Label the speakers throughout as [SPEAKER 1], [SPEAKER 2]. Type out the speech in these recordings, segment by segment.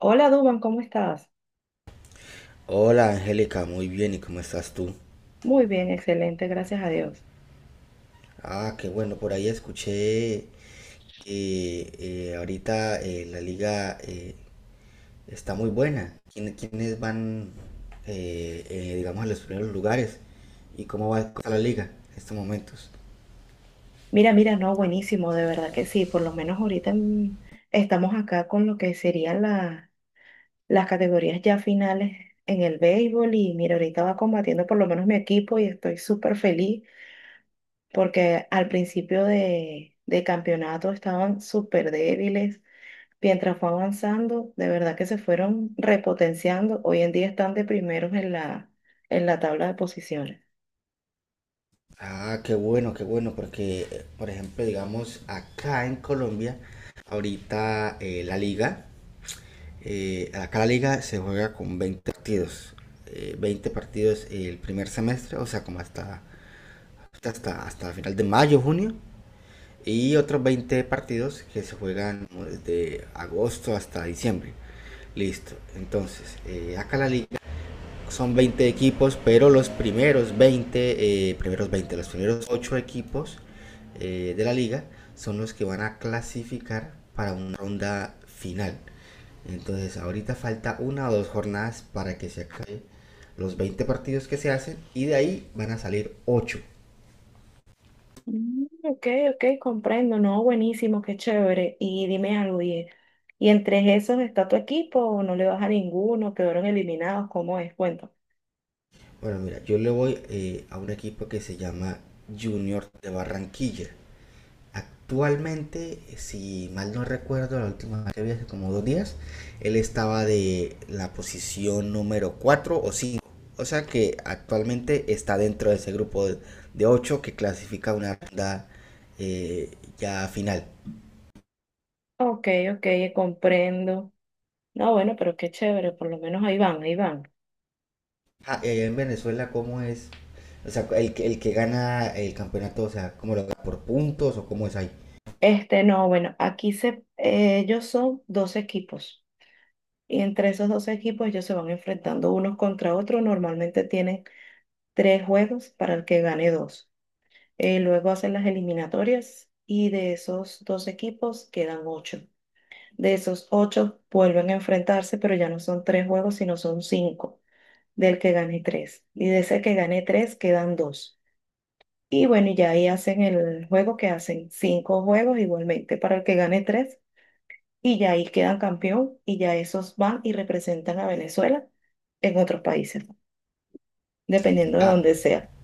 [SPEAKER 1] Hola Duban, ¿cómo estás?
[SPEAKER 2] Hola Angélica, muy bien, ¿y cómo estás tú?
[SPEAKER 1] Muy bien, excelente, gracias a Dios.
[SPEAKER 2] Ah, qué bueno, por ahí escuché que ahorita la liga está muy buena. ¿Quiénes van, digamos, a los primeros lugares? ¿Y cómo va la liga en estos momentos?
[SPEAKER 1] Mira, no, buenísimo, de verdad que sí, por lo menos ahorita, estamos acá con lo que serían las categorías ya finales en el béisbol y mira, ahorita va combatiendo por lo menos mi equipo y estoy súper feliz porque al principio de campeonato estaban súper débiles, mientras fue avanzando, de verdad que se fueron repotenciando, hoy en día están de primeros en en la tabla de posiciones.
[SPEAKER 2] Ah, qué bueno, porque, por ejemplo, digamos, acá en Colombia, ahorita la liga acá la liga se juega con 20 partidos. 20 partidos el primer semestre, o sea, como hasta final de mayo, junio. Y otros 20 partidos que se juegan desde agosto hasta diciembre. Listo. Entonces, acá la liga son 20 equipos, pero los primeros 20 los primeros 8 equipos de la liga son los que van a clasificar para una ronda final. Entonces ahorita falta una o dos jornadas para que se acabe los 20 partidos que se hacen y de ahí van a salir ocho.
[SPEAKER 1] Mm, ok, ok, comprendo, no, buenísimo, qué chévere. Y dime algo, ¿y, ¿y entre esos está tu equipo o no le vas a ninguno? ¿Quedaron eliminados? ¿Cómo es? Cuento.
[SPEAKER 2] Bueno, mira, yo le voy a un equipo que se llama Junior de Barranquilla. Actualmente, si mal no recuerdo, la última vez que vi hace como dos días, él estaba de la posición número 4 o cinco. O sea que actualmente está dentro de ese grupo de 8 que clasifica una ronda eh, ya final.
[SPEAKER 1] Ok, ok, comprendo. No, bueno, pero qué chévere, por lo menos ahí van, ahí van.
[SPEAKER 2] Ah, ¿y en Venezuela, cómo es? O sea, el que gana el campeonato, o sea, ¿cómo lo gana? ¿Por puntos o cómo es ahí?
[SPEAKER 1] Este, no, bueno, aquí ellos son dos equipos y entre esos dos equipos ellos se van enfrentando unos contra otros. Normalmente tienen tres juegos para el que gane dos. Luego hacen las eliminatorias y de esos dos equipos quedan ocho. De esos ocho vuelven a enfrentarse, pero ya no son tres juegos, sino son cinco, del que gane tres. Y de ese que gane tres quedan dos. Y bueno, y ya ahí hacen el juego que hacen cinco juegos igualmente para el que gane tres. Y ya ahí quedan campeón y ya esos van y representan a Venezuela en otros países, dependiendo de
[SPEAKER 2] Ah,
[SPEAKER 1] donde sea.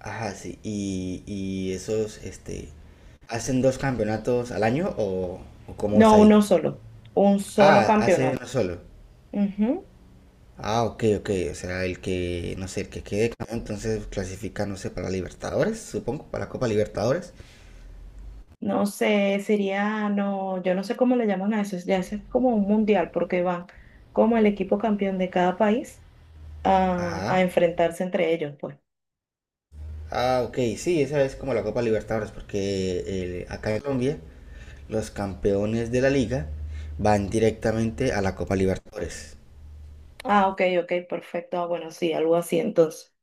[SPEAKER 2] ajá, sí. Y esos, hacen dos campeonatos al año o cómo es
[SPEAKER 1] No,
[SPEAKER 2] ahí?
[SPEAKER 1] uno solo, un solo
[SPEAKER 2] Ah, hacen uno
[SPEAKER 1] campeonato.
[SPEAKER 2] solo.
[SPEAKER 1] Ujú.
[SPEAKER 2] Ah, ok, ok. O sea, el que, no sé, el que quede campeón, entonces clasifica, no sé, para Libertadores, supongo, para Copa Libertadores.
[SPEAKER 1] No sé, sería, no, yo no sé cómo le llaman a eso, ya eso es como un mundial, porque van como el equipo campeón de cada país a
[SPEAKER 2] Ajá.
[SPEAKER 1] enfrentarse entre ellos, pues.
[SPEAKER 2] Ah, ok, sí, esa es como la Copa Libertadores, porque acá en Colombia los campeones de la liga van directamente a la Copa Libertadores.
[SPEAKER 1] Ah, ok, ok, perfecto. Ah, bueno, sí, algo así entonces.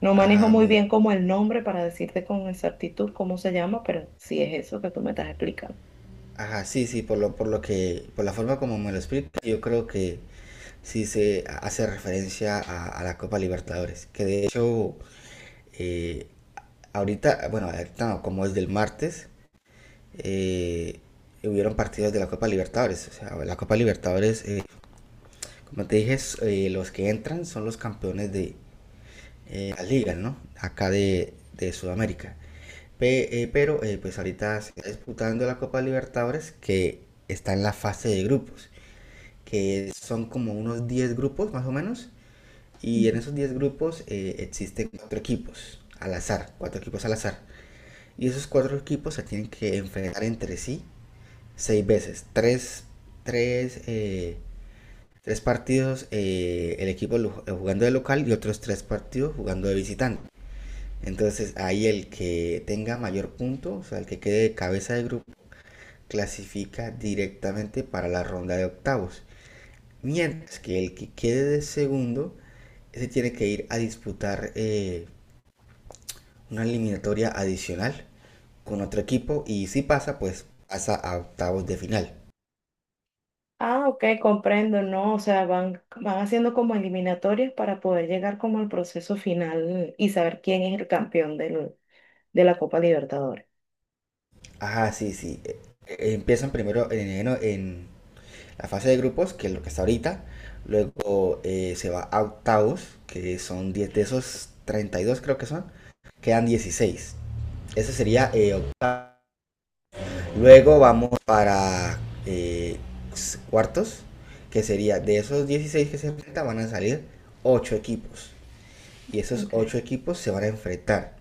[SPEAKER 1] No manejo
[SPEAKER 2] Ajá,
[SPEAKER 1] muy
[SPEAKER 2] muy,
[SPEAKER 1] bien como el nombre para decirte con exactitud cómo se llama, pero sí es eso que tú me estás explicando.
[SPEAKER 2] Ajá, sí, sí, por lo que, por la forma como me lo explica, yo creo que sí se hace referencia a la Copa Libertadores, que de hecho, eh, ahorita, bueno, ahorita no, como es del martes, eh, hubieron partidos de la Copa Libertadores, o sea, la Copa Libertadores, como te dije, es, los que entran son los campeones de, las ligas, ¿no? Acá de Sudamérica. Pero pues ahorita se está disputando la Copa Libertadores que está en la fase de grupos, que son como unos 10 grupos más o menos. Y en
[SPEAKER 1] Ujú.
[SPEAKER 2] esos 10 grupos existen cuatro equipos al azar, cuatro equipos al azar. Y esos cuatro equipos se tienen que enfrentar entre sí seis veces. Tres, eh, tres partidos el equipo jugando de local y otros tres partidos jugando de visitante. Entonces ahí el que tenga mayor punto, o sea, el que quede de cabeza de grupo, clasifica directamente para la ronda de octavos. Mientras que el que quede de segundo, ese tiene que ir a disputar una eliminatoria adicional con otro equipo y si pasa, pues pasa a octavos de final.
[SPEAKER 1] Ah, ok, comprendo, ¿no? O sea, van haciendo como eliminatorias para poder llegar como al proceso final y saber quién es el campeón de la Copa Libertadores.
[SPEAKER 2] Ajá, sí, sí. Empiezan primero en la fase de grupos, que es lo que está ahorita. Luego se va a octavos, que son 10 de esos 32 creo que son. Quedan 16, eso sería octavos. Luego vamos para eh, cuartos, que sería de esos 16 que se enfrentan van a salir 8 equipos. Y esos
[SPEAKER 1] Ok.
[SPEAKER 2] 8 equipos se van a enfrentar.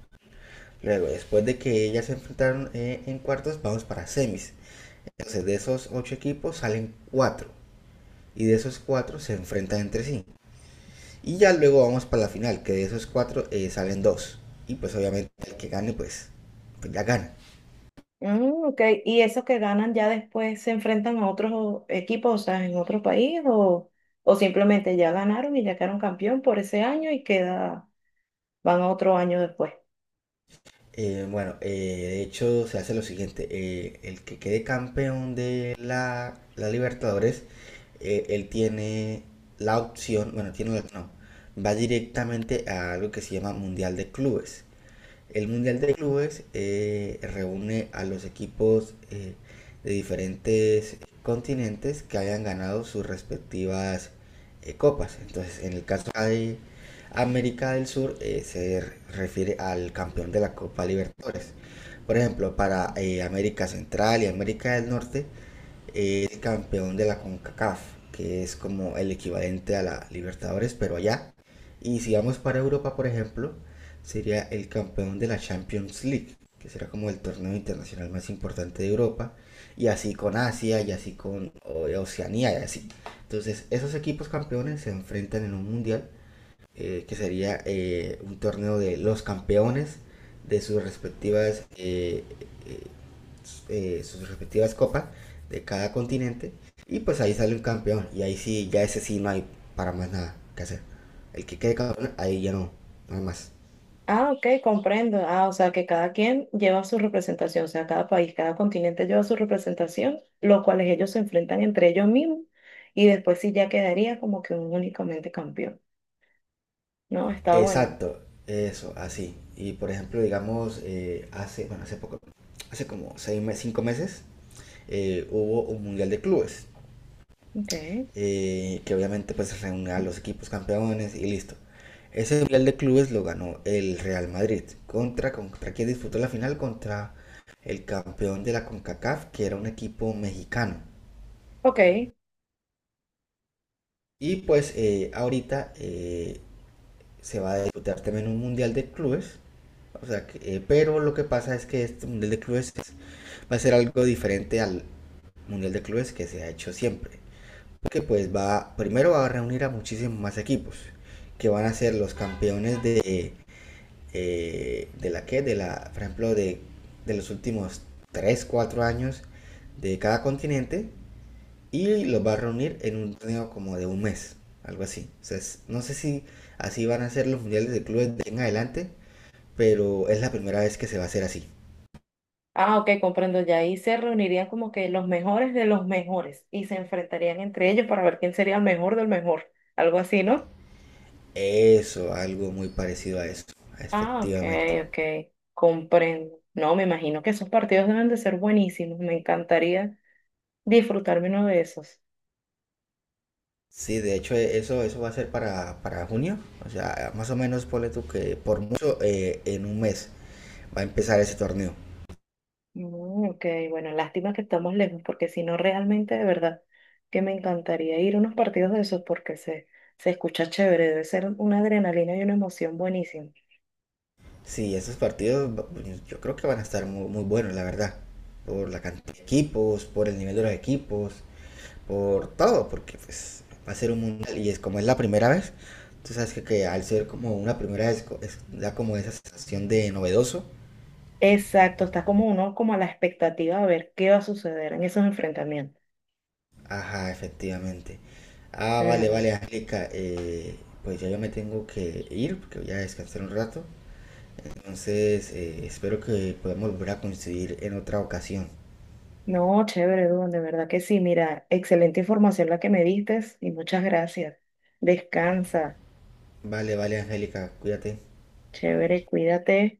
[SPEAKER 2] Luego, después de que ellas se enfrentaron en cuartos, vamos para semis. Entonces, de esos 8 equipos salen 4 y de esos cuatro se enfrentan entre sí. Y ya luego vamos para la final, que de esos cuatro salen dos. Y pues obviamente el que gane, pues, pues ya gana.
[SPEAKER 1] Mm, ok. ¿Y esos que ganan ya después se enfrentan a otros equipos, o sea, en otro país, o simplemente ya ganaron y ya quedaron campeón por ese año y queda, van a otro año después?
[SPEAKER 2] Bueno, de hecho se hace lo siguiente, el que quede campeón de la Libertadores, él tiene la opción, bueno, tiene la, no, va directamente a algo que se llama Mundial de Clubes. El Mundial de Clubes reúne a los equipos de diferentes continentes que hayan ganado sus respectivas copas. Entonces, en el caso hay América del Sur, se refiere al campeón de la Copa Libertadores. Por ejemplo, para América Central y América del Norte, el campeón de la CONCACAF, que es como el equivalente a la Libertadores, pero allá. Y si vamos para Europa, por ejemplo, sería el campeón de la Champions League, que será como el torneo internacional más importante de Europa, y así con Asia, y así con Oceanía, y así. Entonces, esos equipos campeones se enfrentan en un mundial que sería un torneo de los campeones de eh, sus respectivas copas de cada continente. Y pues ahí sale un campeón. Y ahí sí, ya ese sí no hay para más nada que hacer. El que quede campeón, ahí ya no, no hay más.
[SPEAKER 1] Ah, ok, comprendo. Ah, o sea, que cada quien lleva su representación, o sea, cada país, cada continente lleva su representación, los cuales ellos se enfrentan entre ellos mismos y después sí ya quedaría como que un únicamente campeón. No, está bueno.
[SPEAKER 2] Exacto, eso, así. Y por ejemplo, digamos, hace, bueno, hace poco, hace como seis, cinco meses, hubo un mundial de clubes.
[SPEAKER 1] Ok.
[SPEAKER 2] Que obviamente pues reúne a los equipos campeones y listo. Ese Mundial de Clubes lo ganó el Real Madrid. ¿Contra, contra quién disputó la final? Contra el campeón de la CONCACAF, que era un equipo mexicano.
[SPEAKER 1] Ok.
[SPEAKER 2] Y pues ahorita se va a disputar también un Mundial de Clubes. O sea, que, pero lo que pasa es que este Mundial de Clubes es- va a ser algo diferente al Mundial de Clubes que se ha hecho siempre. Que pues va, primero va a reunir a muchísimos más equipos, que van a ser los campeones de, de la, por ejemplo, de los últimos 3 4 años de cada continente, y los va a reunir en un torneo como de un mes, algo así. O sea, no sé si así van a ser los mundiales de clubes de en adelante, pero es la primera vez que se va a hacer así.
[SPEAKER 1] Ah, ok, comprendo ya. Ahí se reunirían como que los mejores de los mejores y se enfrentarían entre ellos para ver quién sería el mejor del mejor. Algo así, ¿no?
[SPEAKER 2] Eso, algo muy parecido a eso,
[SPEAKER 1] Ah, ok,
[SPEAKER 2] efectivamente.
[SPEAKER 1] ok. Comprendo. No, me imagino que esos partidos deben de ser buenísimos. Me encantaría disfrutarme uno de esos.
[SPEAKER 2] Sí, de hecho eso, eso va a ser para junio, o sea, más o menos ponle tú que por mucho en un mes va a empezar ese torneo.
[SPEAKER 1] Mm, ok, bueno, lástima que estamos lejos porque si no, realmente de verdad que me encantaría ir a unos partidos de esos porque se escucha chévere. Debe ser una adrenalina y una emoción buenísima.
[SPEAKER 2] Sí, esos pues, yo creo que van a estar muy, muy buenos, la verdad, por la cantidad de equipos, por el nivel de los equipos, por todo, porque pues va a ser un mundial y es como es la primera vez, tú sabes que al ser como una primera vez da como esa sensación de novedoso.
[SPEAKER 1] Exacto, está como uno como a la expectativa de ver qué va a suceder en esos enfrentamientos.
[SPEAKER 2] Ajá, efectivamente. Ah, vale,
[SPEAKER 1] Mm,
[SPEAKER 2] vale, Angélica. Pues ya yo me tengo que ir porque voy a descansar un rato. Entonces, espero que podamos volver a coincidir en otra ocasión.
[SPEAKER 1] no, chévere, Duan, de verdad que sí. Mira, excelente información la que me diste y muchas gracias. Descansa,
[SPEAKER 2] Vale, vale, Angélica, cuídate.
[SPEAKER 1] chévere, cuídate.